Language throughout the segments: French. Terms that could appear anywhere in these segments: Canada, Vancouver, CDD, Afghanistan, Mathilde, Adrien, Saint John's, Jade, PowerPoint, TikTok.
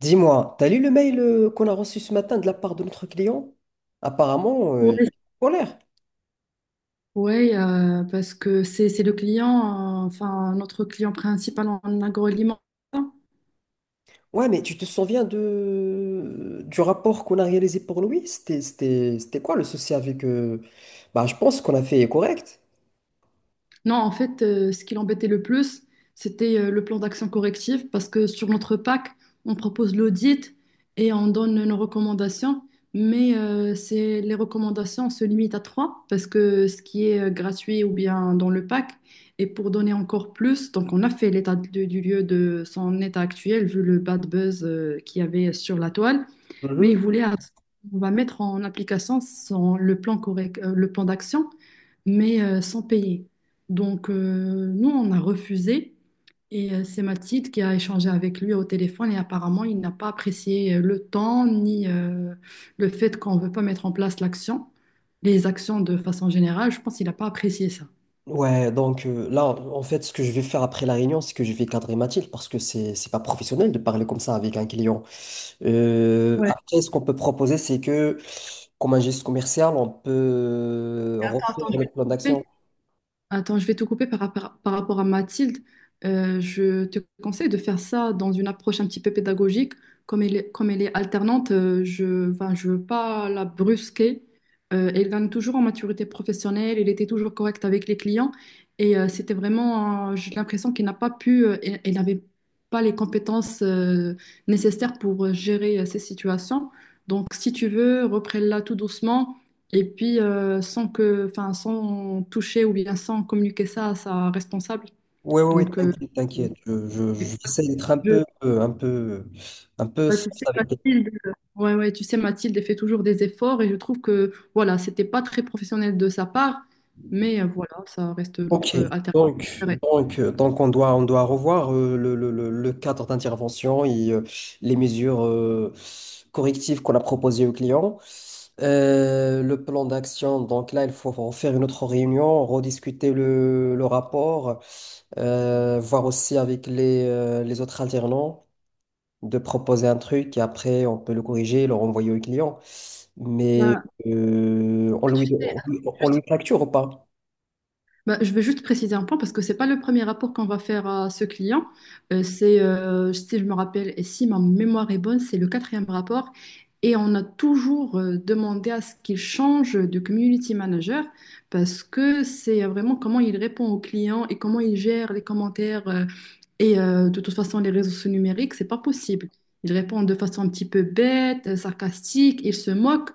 Dis-moi, t'as lu le mail qu'on a reçu ce matin de la part de notre client? Apparemment, il est Oui, en colère. ouais, parce que c'est le client, enfin notre client principal en agroalimentaire. Ouais, mais tu te souviens du rapport qu'on a réalisé pour lui? C'était quoi le souci avec Bah, je pense qu'on a fait correct. Non, en fait, ce qui l'embêtait le plus, c'était le plan d'action correctif parce que sur notre PAC, on propose l'audit et on donne nos recommandations, mais c'est, les recommandations se limitent à trois parce que ce qui est gratuit ou bien dans le PAC, et pour donner encore plus, donc on a fait du lieu de son état actuel vu le bad buzz qu'il y avait sur la toile, mais Hmhm. On va mettre en application le plan correct, le plan d'action, mais sans payer. Donc, nous, on a refusé. Et c'est Mathilde qui a échangé avec lui au téléphone. Et apparemment, il n'a pas apprécié le temps ni le fait qu'on ne veut pas mettre en place l'action, les actions de façon générale. Je pense qu'il n'a pas apprécié ça. Ouais, donc là, en fait, ce que je vais faire après la réunion, c'est que je vais cadrer Mathilde parce que c'est pas professionnel de parler comme ça avec un client. Après, ce qu'on peut proposer, c'est que, comme un geste commercial, on peut T'as refaire entendu. le plan d'action. Attends, je vais te couper par rapport à Mathilde. Je te conseille de faire ça dans une approche un petit peu pédagogique. Comme elle est alternante, je, enfin, je veux pas la brusquer. Elle gagne toujours en maturité professionnelle. Elle était toujours correcte avec les clients. Et c'était vraiment, j'ai l'impression qu'elle n'a pas pu, elle, elle n'avait pas les compétences nécessaires pour gérer ces situations. Donc, si tu veux, reprends-la tout doucement. Et puis, sans que, enfin, sans toucher ou bien sans communiquer ça à sa responsable. Oui, oui, oui, Donc, t'inquiète, t'inquiète. J'essaie d'être un je- peu, euh, un peu, un peu ouais, soft tu sais, avec. Mathilde, ouais, ouais, tu sais, Mathilde, elle fait toujours des efforts et je trouve que, voilà, c'était pas très professionnel de sa part, mais voilà, ça reste Ok, notre alternance donc, préférée. donc, euh, donc on doit revoir le cadre d'intervention et les mesures correctives qu'on a proposées aux clients. Le plan d'action, donc là, il faut en faire une autre réunion, rediscuter le rapport, voir aussi avec les autres alternants, de proposer un truc et après on peut le corriger et le renvoyer au client. Mais Ben, euh, on tu lui, sais, on attends, lui on juste. lui facture ou pas? Ben, je veux juste préciser un point parce que c'est pas le premier rapport qu'on va faire à ce client. Si je me rappelle et si ma mémoire est bonne, c'est le quatrième rapport. Et on a toujours demandé à ce qu'il change de community manager parce que c'est vraiment comment il répond aux clients et comment il gère les commentaires et de toute façon les réseaux sociaux numériques, c'est pas possible. Il répond de façon un petit peu bête, sarcastique, il se moque.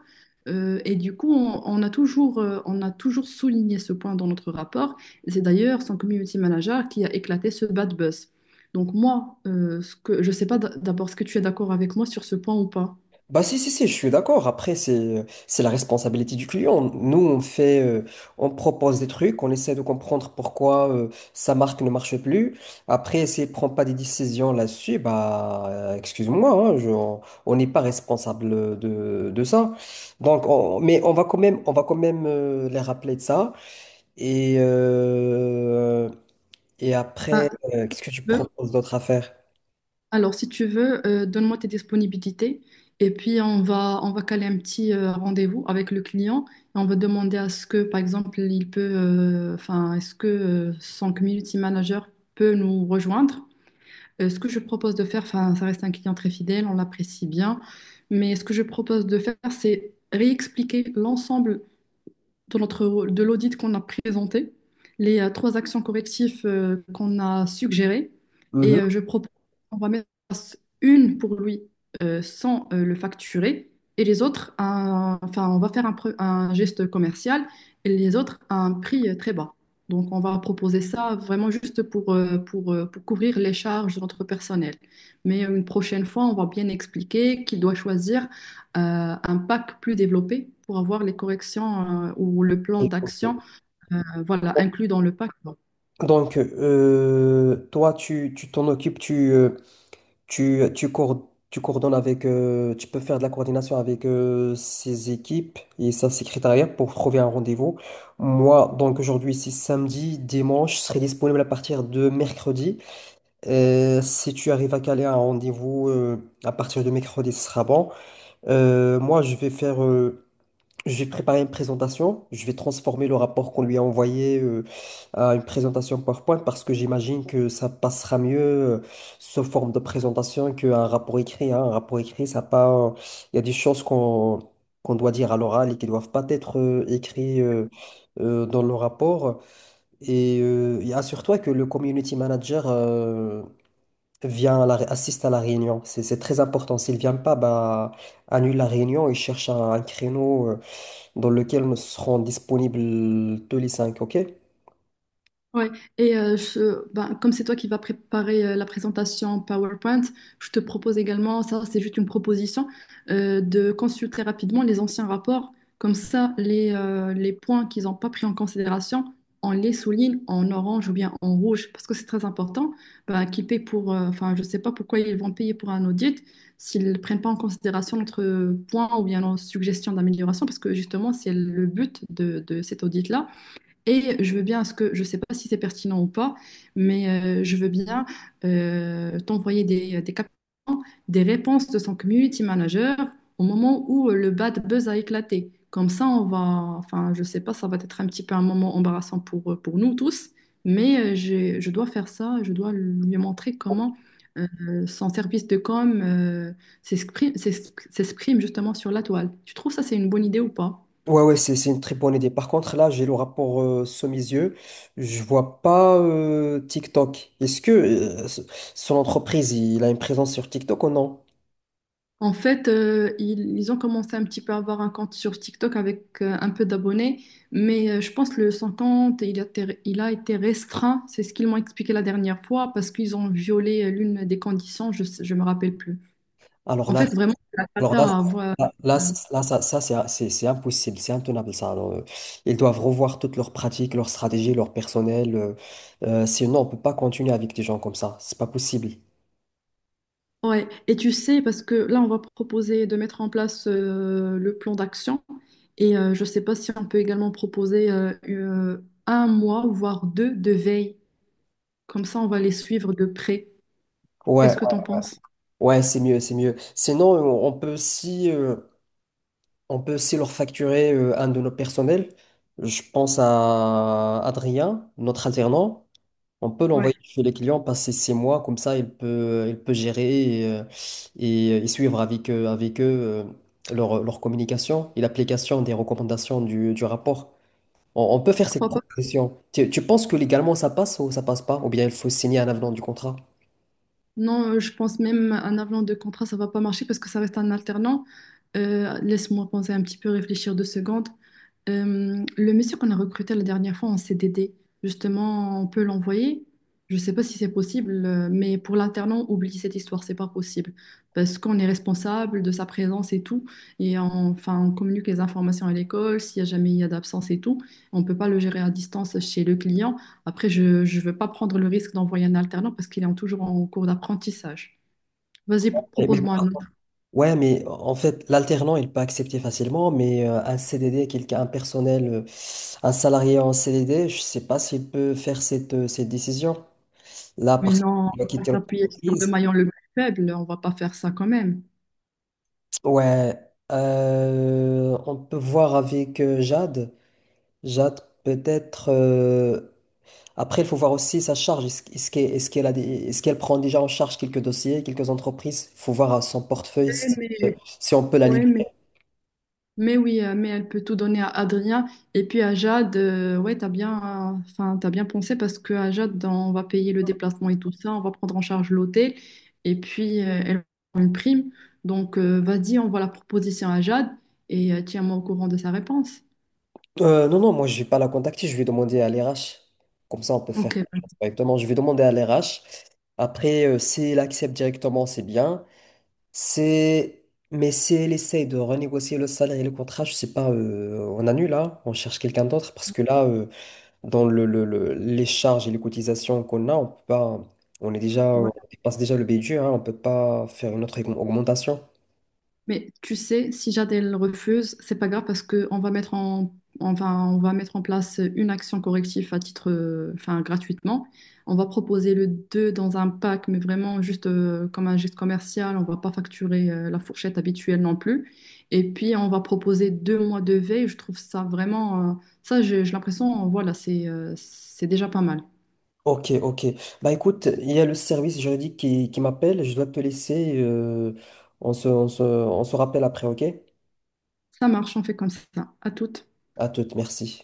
Et du coup, on a toujours souligné ce point dans notre rapport. Et c'est d'ailleurs son community manager qui a éclaté ce bad buzz. Donc moi, ce que, je ne sais pas d'abord ce que tu es d'accord avec moi sur ce point ou pas. Bah si, si, si, je suis d'accord. Après, c'est la responsabilité du client. Nous, on propose des trucs, on essaie de comprendre pourquoi sa marque ne marche plus. Après, s'il ne prend pas des décisions là-dessus, bah excuse-moi, hein, on n'est pas responsable de ça. Donc, mais on va quand même, on va quand même les rappeler de ça. Et, euh, et Ah, après, tu qu'est-ce que tu veux proposes d'autre à faire? Alors, si tu veux, donne-moi tes disponibilités et puis on va caler un petit rendez-vous avec le client et on va demander à ce que, par exemple, il peut, enfin, est-ce que son community manager peut nous rejoindre. Ce que je propose de faire, enfin, ça reste un client très fidèle, on l'apprécie bien, mais ce que je propose de faire, c'est réexpliquer l'ensemble de notre, de l'audit qu'on a présenté, les trois actions correctives qu'on a suggérées. Mhm. Et je propose qu'on va mettre une pour lui sans le facturer et les autres, enfin, on va faire un geste commercial et les autres à un prix très bas. Donc, on va proposer ça vraiment juste pour couvrir les charges de notre personnel. Mais une prochaine fois, on va bien expliquer qu'il doit choisir un pack plus développé pour avoir les corrections ou le plan d'action voilà, inclus dans le pack. Donc, toi, tu t'en occupes, tu coordonnes avec, tu peux faire de la coordination avec ses équipes et sa secrétariat pour trouver un rendez-vous. Moi, donc aujourd'hui, c'est samedi, dimanche, je serai disponible à partir de mercredi. Si tu arrives à caler un rendez-vous à partir de mercredi, ce sera bon. Moi, je vais faire. J'ai préparé une présentation. Je vais transformer le rapport qu'on lui a envoyé à une présentation PowerPoint parce que j'imagine que ça passera mieux sous forme de présentation qu'un rapport écrit, hein. Un rapport écrit, ça pas. Il y a des choses qu'on doit dire à l'oral et qui doivent pas être écrites dans le rapport. Et assure-toi que le community manager vient à la assiste à la réunion. C'est très important. S'il vient pas, bah annule la réunion et cherche un créneau dans lequel nous serons disponibles tous les cinq, ok? Ouais, et ben, comme c'est toi qui vas préparer la présentation PowerPoint, je te propose également, ça c'est juste une proposition, de consulter rapidement les anciens rapports. Comme ça, les points qu'ils n'ont pas pris en considération, on les souligne en orange ou bien en rouge, parce que c'est très important. Ben, qu'ils paient pour, enfin, je ne sais pas pourquoi ils vont payer pour un audit s'ils ne prennent pas en considération notre point ou bien nos suggestions d'amélioration, parce que justement, c'est le but de cet audit-là et je veux bien, à ce que je ne sais pas si c'est pertinent ou pas, mais je veux bien t'envoyer des captions, des réponses de son community manager au moment où le bad buzz a éclaté. Comme ça, on va, enfin, je ne sais pas, ça va être un petit peu un moment embarrassant pour nous tous, mais je dois faire ça, je dois lui montrer comment son service de com s'exprime justement sur la toile. Tu trouves ça, c'est une bonne idée ou pas? Ouais, ouais, c'est une très bonne idée. Par contre, là, j'ai le rapport sous mes yeux. Je vois pas TikTok. Est-ce que son entreprise, il a une présence sur TikTok ou non? En fait, ils ont commencé un petit peu à avoir un compte sur TikTok avec un peu d'abonnés, mais je pense que le son compte, il a été restreint. C'est ce qu'ils m'ont expliqué la dernière fois parce qu'ils ont violé l'une des conditions, je ne me rappelle plus. Alors En là, fait, vraiment, c'est la alors cata là, à avoir. là, là, euh, c- là, c'est impossible, c'est intenable ça. Alors, ils doivent revoir toutes leurs pratiques, leurs stratégies, leur personnel. Sinon, on peut pas continuer avec des gens comme ça. C'est pas possible. Ouais. Et tu sais, parce que là, on va proposer de mettre en place le plan d'action. Et je ne sais pas si on peut également proposer un mois, voire deux, de veille. Comme ça, on va les suivre de près. Ouais, Qu'est-ce que t'en penses? ouais, c'est mieux, c'est mieux. Sinon, on peut aussi leur facturer un de nos personnels. Je pense à Adrien, notre alternant. On peut Ouais, l'envoyer chez les clients, passer six mois, comme ça il peut gérer et suivre avec eux leur communication et l'application des recommandations du rapport. On peut je faire cette crois pas. proposition. Tu penses que légalement ça passe ou ça passe pas? Ou bien il faut signer un avenant du contrat? Non, je pense même un avenant de contrat, ça va pas marcher parce que ça reste un alternant. Laisse-moi penser un petit peu, réfléchir deux secondes. Le monsieur qu'on a recruté la dernière fois en CDD, justement, on peut l'envoyer. Je sais pas si c'est possible, mais pour l'alternant, oublie cette histoire, c'est pas possible. Parce qu'on est responsable de sa présence et tout. Enfin, on communique les informations à l'école, s'il y a jamais il y a d'absence et tout. On peut pas le gérer à distance chez le client. Après, je ne veux pas prendre le risque d'envoyer un alternant parce qu'toujours en cours d'apprentissage. Vas-y, Mais propose-moi un autre. Ouais, mais en fait, l'alternant, il peut accepter facilement, mais un CDD, quelqu'un, un personnel, un salarié en CDD, je sais pas s'il peut faire cette décision. Là, Mais parce non, qu'il va on va quitter s'appuyer sur le l'entreprise. maillon le plus faible, on va pas faire ça quand même. Ouais, on peut voir avec Jade. Jade, peut-être. Après, il faut voir aussi sa charge. Est-ce qu'elle prend déjà en charge quelques dossiers, quelques entreprises? Il faut voir à son portefeuille Ouais, si, euh, mais, si on peut la ouais, mais- libérer. mais oui, mais elle peut tout donner à Adrien et puis à Jade. Ouais, t'as bien, enfin, t'as bien pensé parce que à Jade, on va payer le déplacement et tout ça, on va prendre en charge l'hôtel et puis elle aura une prime. Donc, vas-y, on voit la proposition à Jade et tiens-moi au courant de sa réponse. Non, non, moi je vais pas la contacter, je vais demander à l'RH. Comme ça, on peut faire Ok. directement. Je vais demander à l'RH. Après, si elle accepte directement, c'est bien. C'est... Mais si elle essaye de renégocier le salaire et le contrat, je sais pas, on annule là, on cherche quelqu'un d'autre parce que là, dans les charges et les cotisations qu'on a, on peut pas, on dépasse déjà le budget, hein, on peut pas faire une autre augmentation. Mais tu sais, si Jadel refuse, c'est pas grave parce que on va mettre en, enfin, on va mettre en place une action corrective à titre, enfin, gratuitement. On va proposer le 2 dans un pack, mais vraiment juste comme un geste commercial. On va pas facturer la fourchette habituelle non plus. Et puis, on va proposer deux mois de veille. Je trouve ça vraiment, ça, j'ai l'impression, voilà, c'est déjà pas mal. Ok, ok. Bah écoute, il y a le service juridique qui m'appelle, je dois te laisser. On se rappelle après, ok? Ça marche, on fait comme ça. À toutes. À toute, merci.